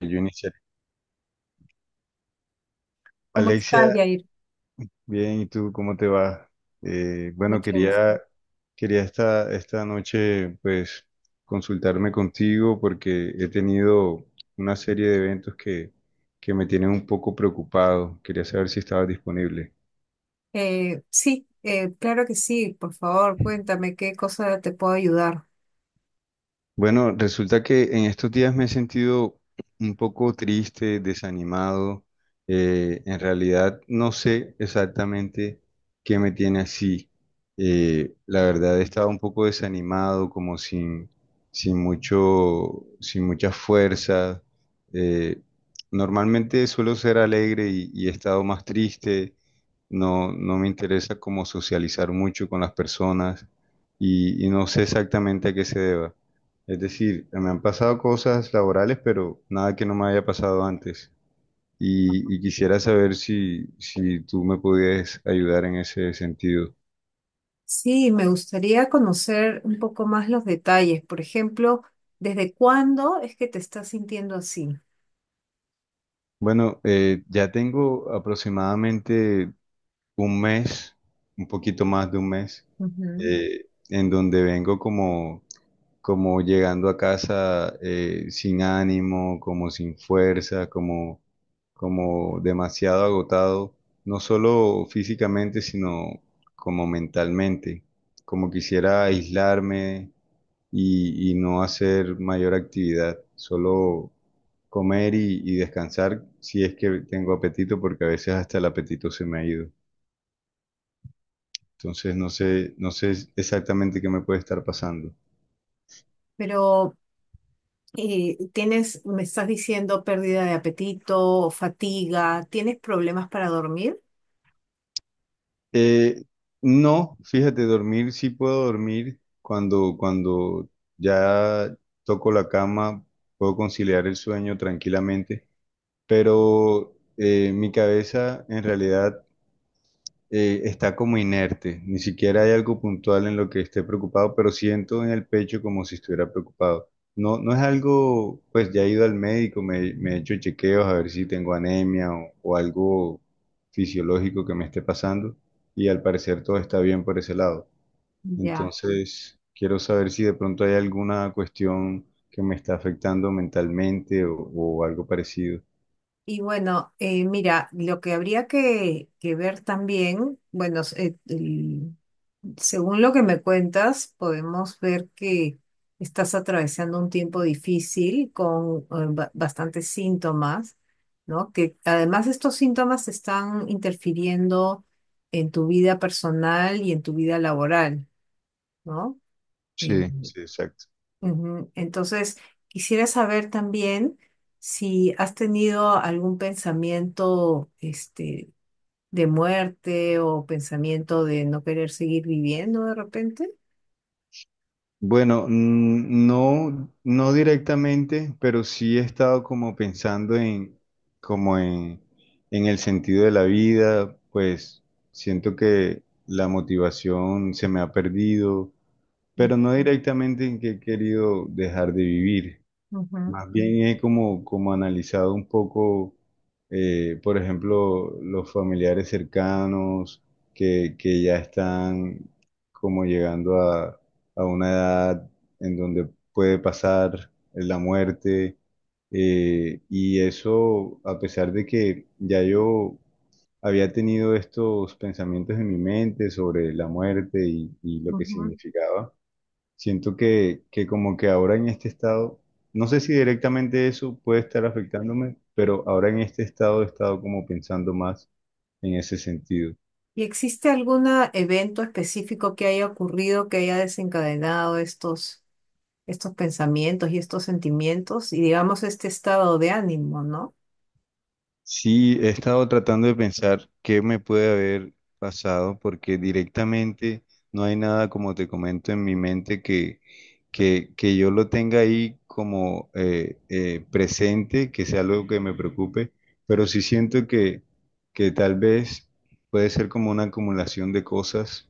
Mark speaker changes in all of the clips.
Speaker 1: Yo iniciaré.
Speaker 2: ¿Cómo estás,
Speaker 1: Alexia,
Speaker 2: Yair?
Speaker 1: bien, ¿y tú cómo te va? Bueno,
Speaker 2: Mucho gusto.
Speaker 1: quería esta noche pues consultarme contigo porque he tenido una serie de eventos que me tienen un poco preocupado. Quería saber si estabas disponible.
Speaker 2: Sí, claro que sí. Por favor, cuéntame qué cosa te puedo ayudar.
Speaker 1: Bueno, resulta que en estos días me he sentido un poco triste, desanimado. En realidad no sé exactamente qué me tiene así. La verdad he estado un poco desanimado, como sin mucha fuerza. Eh, Normalmente suelo ser alegre y he estado más triste. No, no me interesa como socializar mucho con las personas y no sé exactamente a qué se deba. Es decir, me han pasado cosas laborales, pero nada que no me haya pasado antes. Y quisiera saber si tú me pudieras ayudar en ese sentido.
Speaker 2: Sí, me gustaría conocer un poco más los detalles. Por ejemplo, ¿desde cuándo es que te estás sintiendo así?
Speaker 1: Bueno, ya tengo aproximadamente un mes, un poquito más de un mes,
Speaker 2: Ujú.
Speaker 1: en donde vengo como llegando a casa sin ánimo, como sin fuerza, como demasiado agotado, no solo físicamente, sino como mentalmente, como quisiera aislarme y no hacer mayor actividad, solo comer y descansar si es que tengo apetito, porque a veces hasta el apetito se me ha ido. Entonces no sé exactamente qué me puede estar pasando.
Speaker 2: Pero tienes, me estás diciendo pérdida de apetito, fatiga, ¿tienes problemas para dormir?
Speaker 1: Eh, no, fíjate, dormir sí puedo dormir cuando ya toco la cama, puedo conciliar el sueño tranquilamente, pero mi cabeza en realidad está como inerte, ni siquiera hay algo puntual en lo que esté preocupado, pero siento en el pecho como si estuviera preocupado. No, no es algo, pues ya he ido al médico, me he hecho chequeos a ver si tengo anemia o algo fisiológico que me esté pasando y al parecer todo está bien por ese lado.
Speaker 2: Ya.
Speaker 1: Entonces, quiero saber si de pronto hay alguna cuestión que me está afectando mentalmente o algo parecido.
Speaker 2: Y bueno, mira, lo que habría que ver también, Según lo que me cuentas, podemos ver que estás atravesando un tiempo difícil con bastantes síntomas, ¿no? Que además estos síntomas están interfiriendo en tu vida personal y en tu vida laboral, ¿no? Eh,
Speaker 1: Sí. Sí, exacto.
Speaker 2: ujú. Entonces, quisiera saber también si has tenido algún pensamiento, este, de muerte o pensamiento de no querer seguir viviendo de repente.
Speaker 1: Bueno, no, no directamente, pero sí he estado como pensando como en, en el sentido de la vida, pues siento que la motivación se me ha perdido, pero no directamente en que he querido dejar de vivir.
Speaker 2: Ujú,
Speaker 1: Más bien he como analizado un poco, por ejemplo, los familiares cercanos que ya están como llegando a una edad en donde puede pasar la muerte. Y eso, a pesar de que ya yo había tenido estos pensamientos en mi mente sobre la muerte y lo que
Speaker 2: ujú.
Speaker 1: significaba. Siento que como que ahora en este estado, no sé si directamente eso puede estar afectándome, pero ahora en este estado he estado como pensando más en ese sentido.
Speaker 2: ¿Y existe algún evento específico que haya ocurrido que haya desencadenado estos pensamientos y estos sentimientos y digamos este estado de ánimo, ¿no?
Speaker 1: Sí, he estado tratando de pensar qué me puede haber pasado, porque directamente no hay nada, como te comento, en mi mente que yo lo tenga ahí como presente, que sea algo que me preocupe, pero sí siento que tal vez puede ser como una acumulación de cosas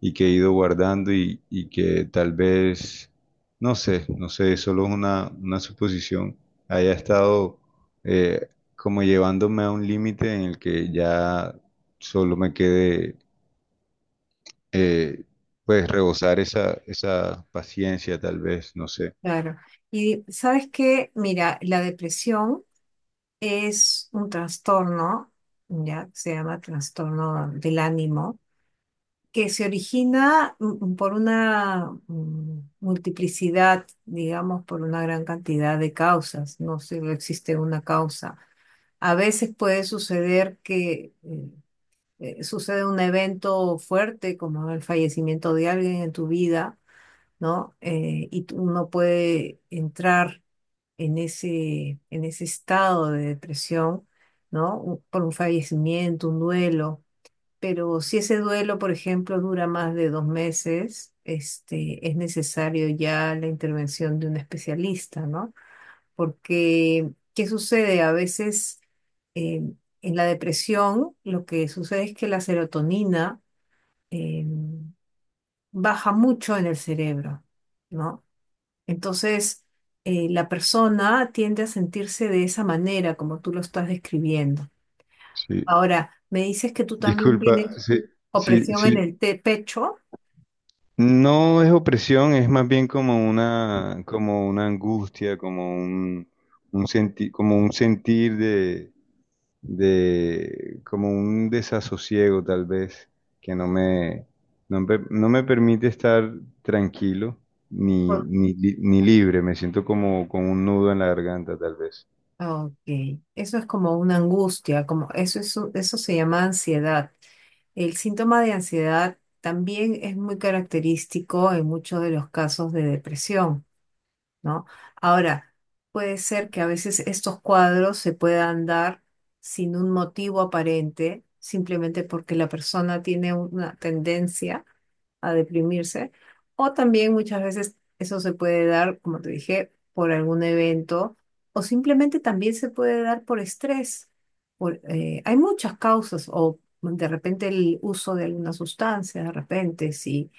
Speaker 1: y que he ido guardando y que tal vez, no sé, solo es una suposición, haya estado... eh, como llevándome a un límite en el que ya solo me quede, eh, pues, rebosar esa paciencia, tal vez, no sé.
Speaker 2: Claro. Y sabes que, mira, la depresión es un trastorno, ya se llama trastorno del ánimo, que se origina por una multiplicidad, digamos, por una gran cantidad de causas, no solo existe una causa. A veces puede suceder que sucede un evento fuerte como el fallecimiento de alguien en tu vida, ¿no? Uno puede entrar en en ese estado de depresión, ¿no? Por un fallecimiento, un duelo. Pero si ese duelo, por ejemplo, dura más de dos meses, este, es necesario ya la intervención de un especialista, ¿no? Porque ¿qué sucede? A veces eh, en la depresión lo que sucede es que la serotonina eh, baja mucho en el cerebro, ¿no? Entonces, la persona tiende a sentirse de esa manera, como tú lo estás describiendo.
Speaker 1: Sí,
Speaker 2: Ahora, me dices que tú también
Speaker 1: disculpa,
Speaker 2: tienes
Speaker 1: sí, sí,
Speaker 2: opresión en
Speaker 1: sí,
Speaker 2: el pecho.
Speaker 1: no es opresión, es más bien como una angustia, como un senti- como un sentir de, como un desasosiego tal vez, que no me permite estar tranquilo
Speaker 2: Por-
Speaker 1: ni libre, me siento como con un nudo en la garganta tal vez.
Speaker 2: Ok, eso es como una angustia, como eso, eso se llama ansiedad. El síntoma de ansiedad también es muy característico en muchos de los casos de depresión, ¿no? Ahora, puede ser que a veces estos cuadros se puedan dar sin un motivo aparente, simplemente porque la persona tiene una tendencia a deprimirse. O también muchas veces eso se puede dar, como te dije, por algún evento o simplemente también se puede dar por estrés. Por, hay muchas causas o de repente el uso de alguna sustancia, de repente si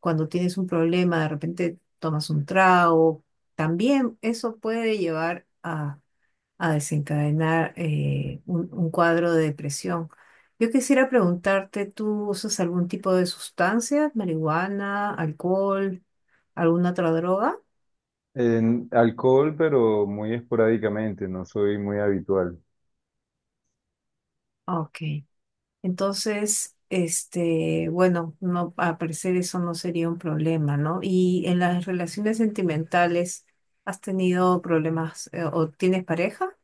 Speaker 2: cuando tienes un problema de repente tomas un trago, también eso puede llevar a desencadenar un cuadro de depresión. Yo quisiera preguntarte, ¿tú usas algún tipo de sustancia, marihuana, alcohol, alguna otra droga?
Speaker 1: En alcohol, pero muy esporádicamente, no soy muy habitual.
Speaker 2: Ok. Entonces, este, bueno, no, al parecer eso no sería un problema, ¿no? Y en las relaciones sentimentales, ¿has tenido problemas o tienes pareja?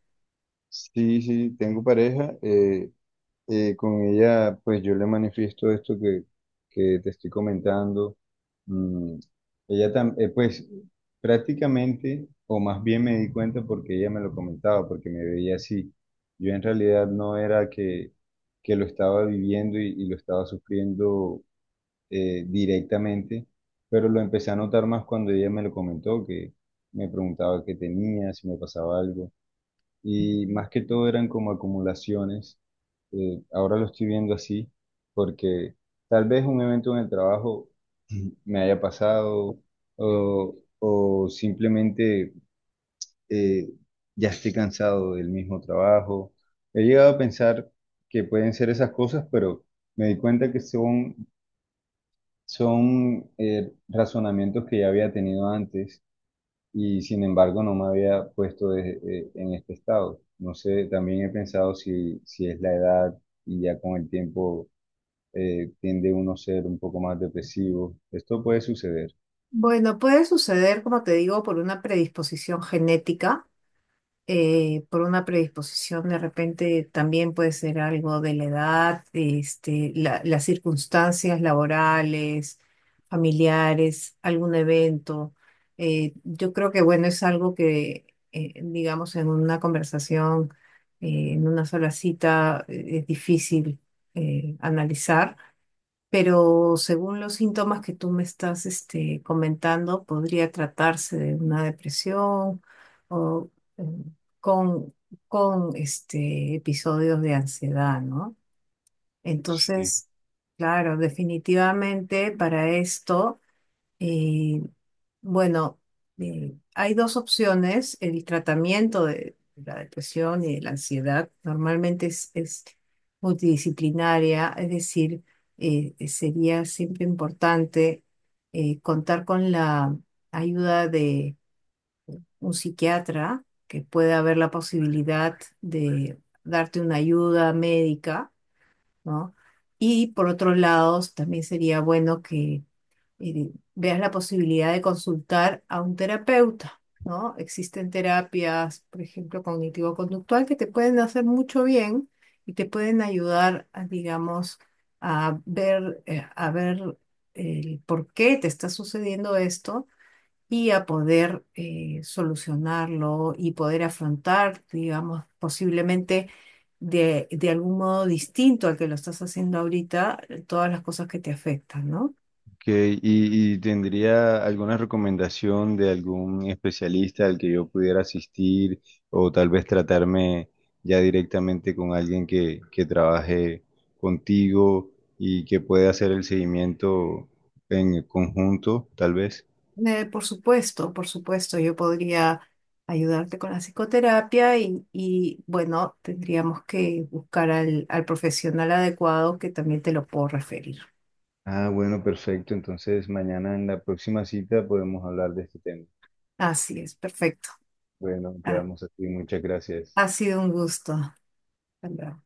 Speaker 1: Sí, sí, tengo pareja. Con ella, pues yo le manifiesto esto que te estoy comentando. Mm, Ella también, pues prácticamente, o más bien me di cuenta porque ella me lo comentaba, porque me veía así. Yo en realidad no era que lo estaba viviendo y lo estaba sufriendo directamente, pero lo empecé a notar más cuando ella me lo comentó, que me preguntaba qué tenía, si me pasaba algo y más que todo eran como acumulaciones. Ahora lo estoy viendo así porque tal vez un evento en el trabajo me haya pasado o simplemente eh, ya estoy cansado del mismo trabajo. He llegado a pensar que pueden ser esas cosas, pero me di cuenta que son razonamientos que ya había tenido antes y sin embargo no me había puesto en este estado. No sé, también he pensado si es la edad y ya con el tiempo tiende uno a ser un poco más depresivo. Esto puede suceder.
Speaker 2: Bueno, puede suceder, como te digo, por una predisposición genética. Eh, por una predisposición, de repente también puede ser algo de la edad, este, las circunstancias laborales, familiares, algún evento. Yo creo que, bueno, es algo que, digamos, en una conversación, en una sola cita, es difícil analizar, pero según los síntomas que tú me estás este, comentando, podría tratarse de una depresión o mm, con, con este, episodios de ansiedad, ¿no?
Speaker 1: Sí.
Speaker 2: Entonces, claro, definitivamente para esto. Eh, bueno, hay dos opciones. El tratamiento de la depresión y de la ansiedad normalmente es multidisciplinaria, es decir, sería siempre importante contar con la ayuda de un psiquiatra que pueda haber la posibilidad de darte una ayuda médica, ¿no? Y por otro lado, también sería bueno que y veas la posibilidad de consultar a un terapeuta, ¿no? Existen terapias, por ejemplo, cognitivo-conductual, que te pueden hacer mucho bien y te pueden ayudar, a, digamos, a ver el por qué te está sucediendo esto y a poder solucionarlo y poder afrontar, digamos, posiblemente de algún modo distinto al que lo estás haciendo ahorita, todas las cosas que te afectan, ¿no?
Speaker 1: Ok, ¿y tendría alguna recomendación de algún especialista al que yo pudiera asistir o tal vez tratarme ya directamente con alguien que trabaje contigo y que pueda hacer el seguimiento en conjunto, tal vez?
Speaker 2: Por supuesto, yo podría ayudarte con la psicoterapia y, bueno, tendríamos que buscar al profesional adecuado que también te lo puedo referir.
Speaker 1: Ah, bueno, perfecto. Entonces, mañana en la próxima cita podemos hablar de este tema.
Speaker 2: Así es, perfecto.
Speaker 1: Bueno,
Speaker 2: Ha,
Speaker 1: quedamos así. Muchas gracias.
Speaker 2: ha sido un gusto. Hasta luego.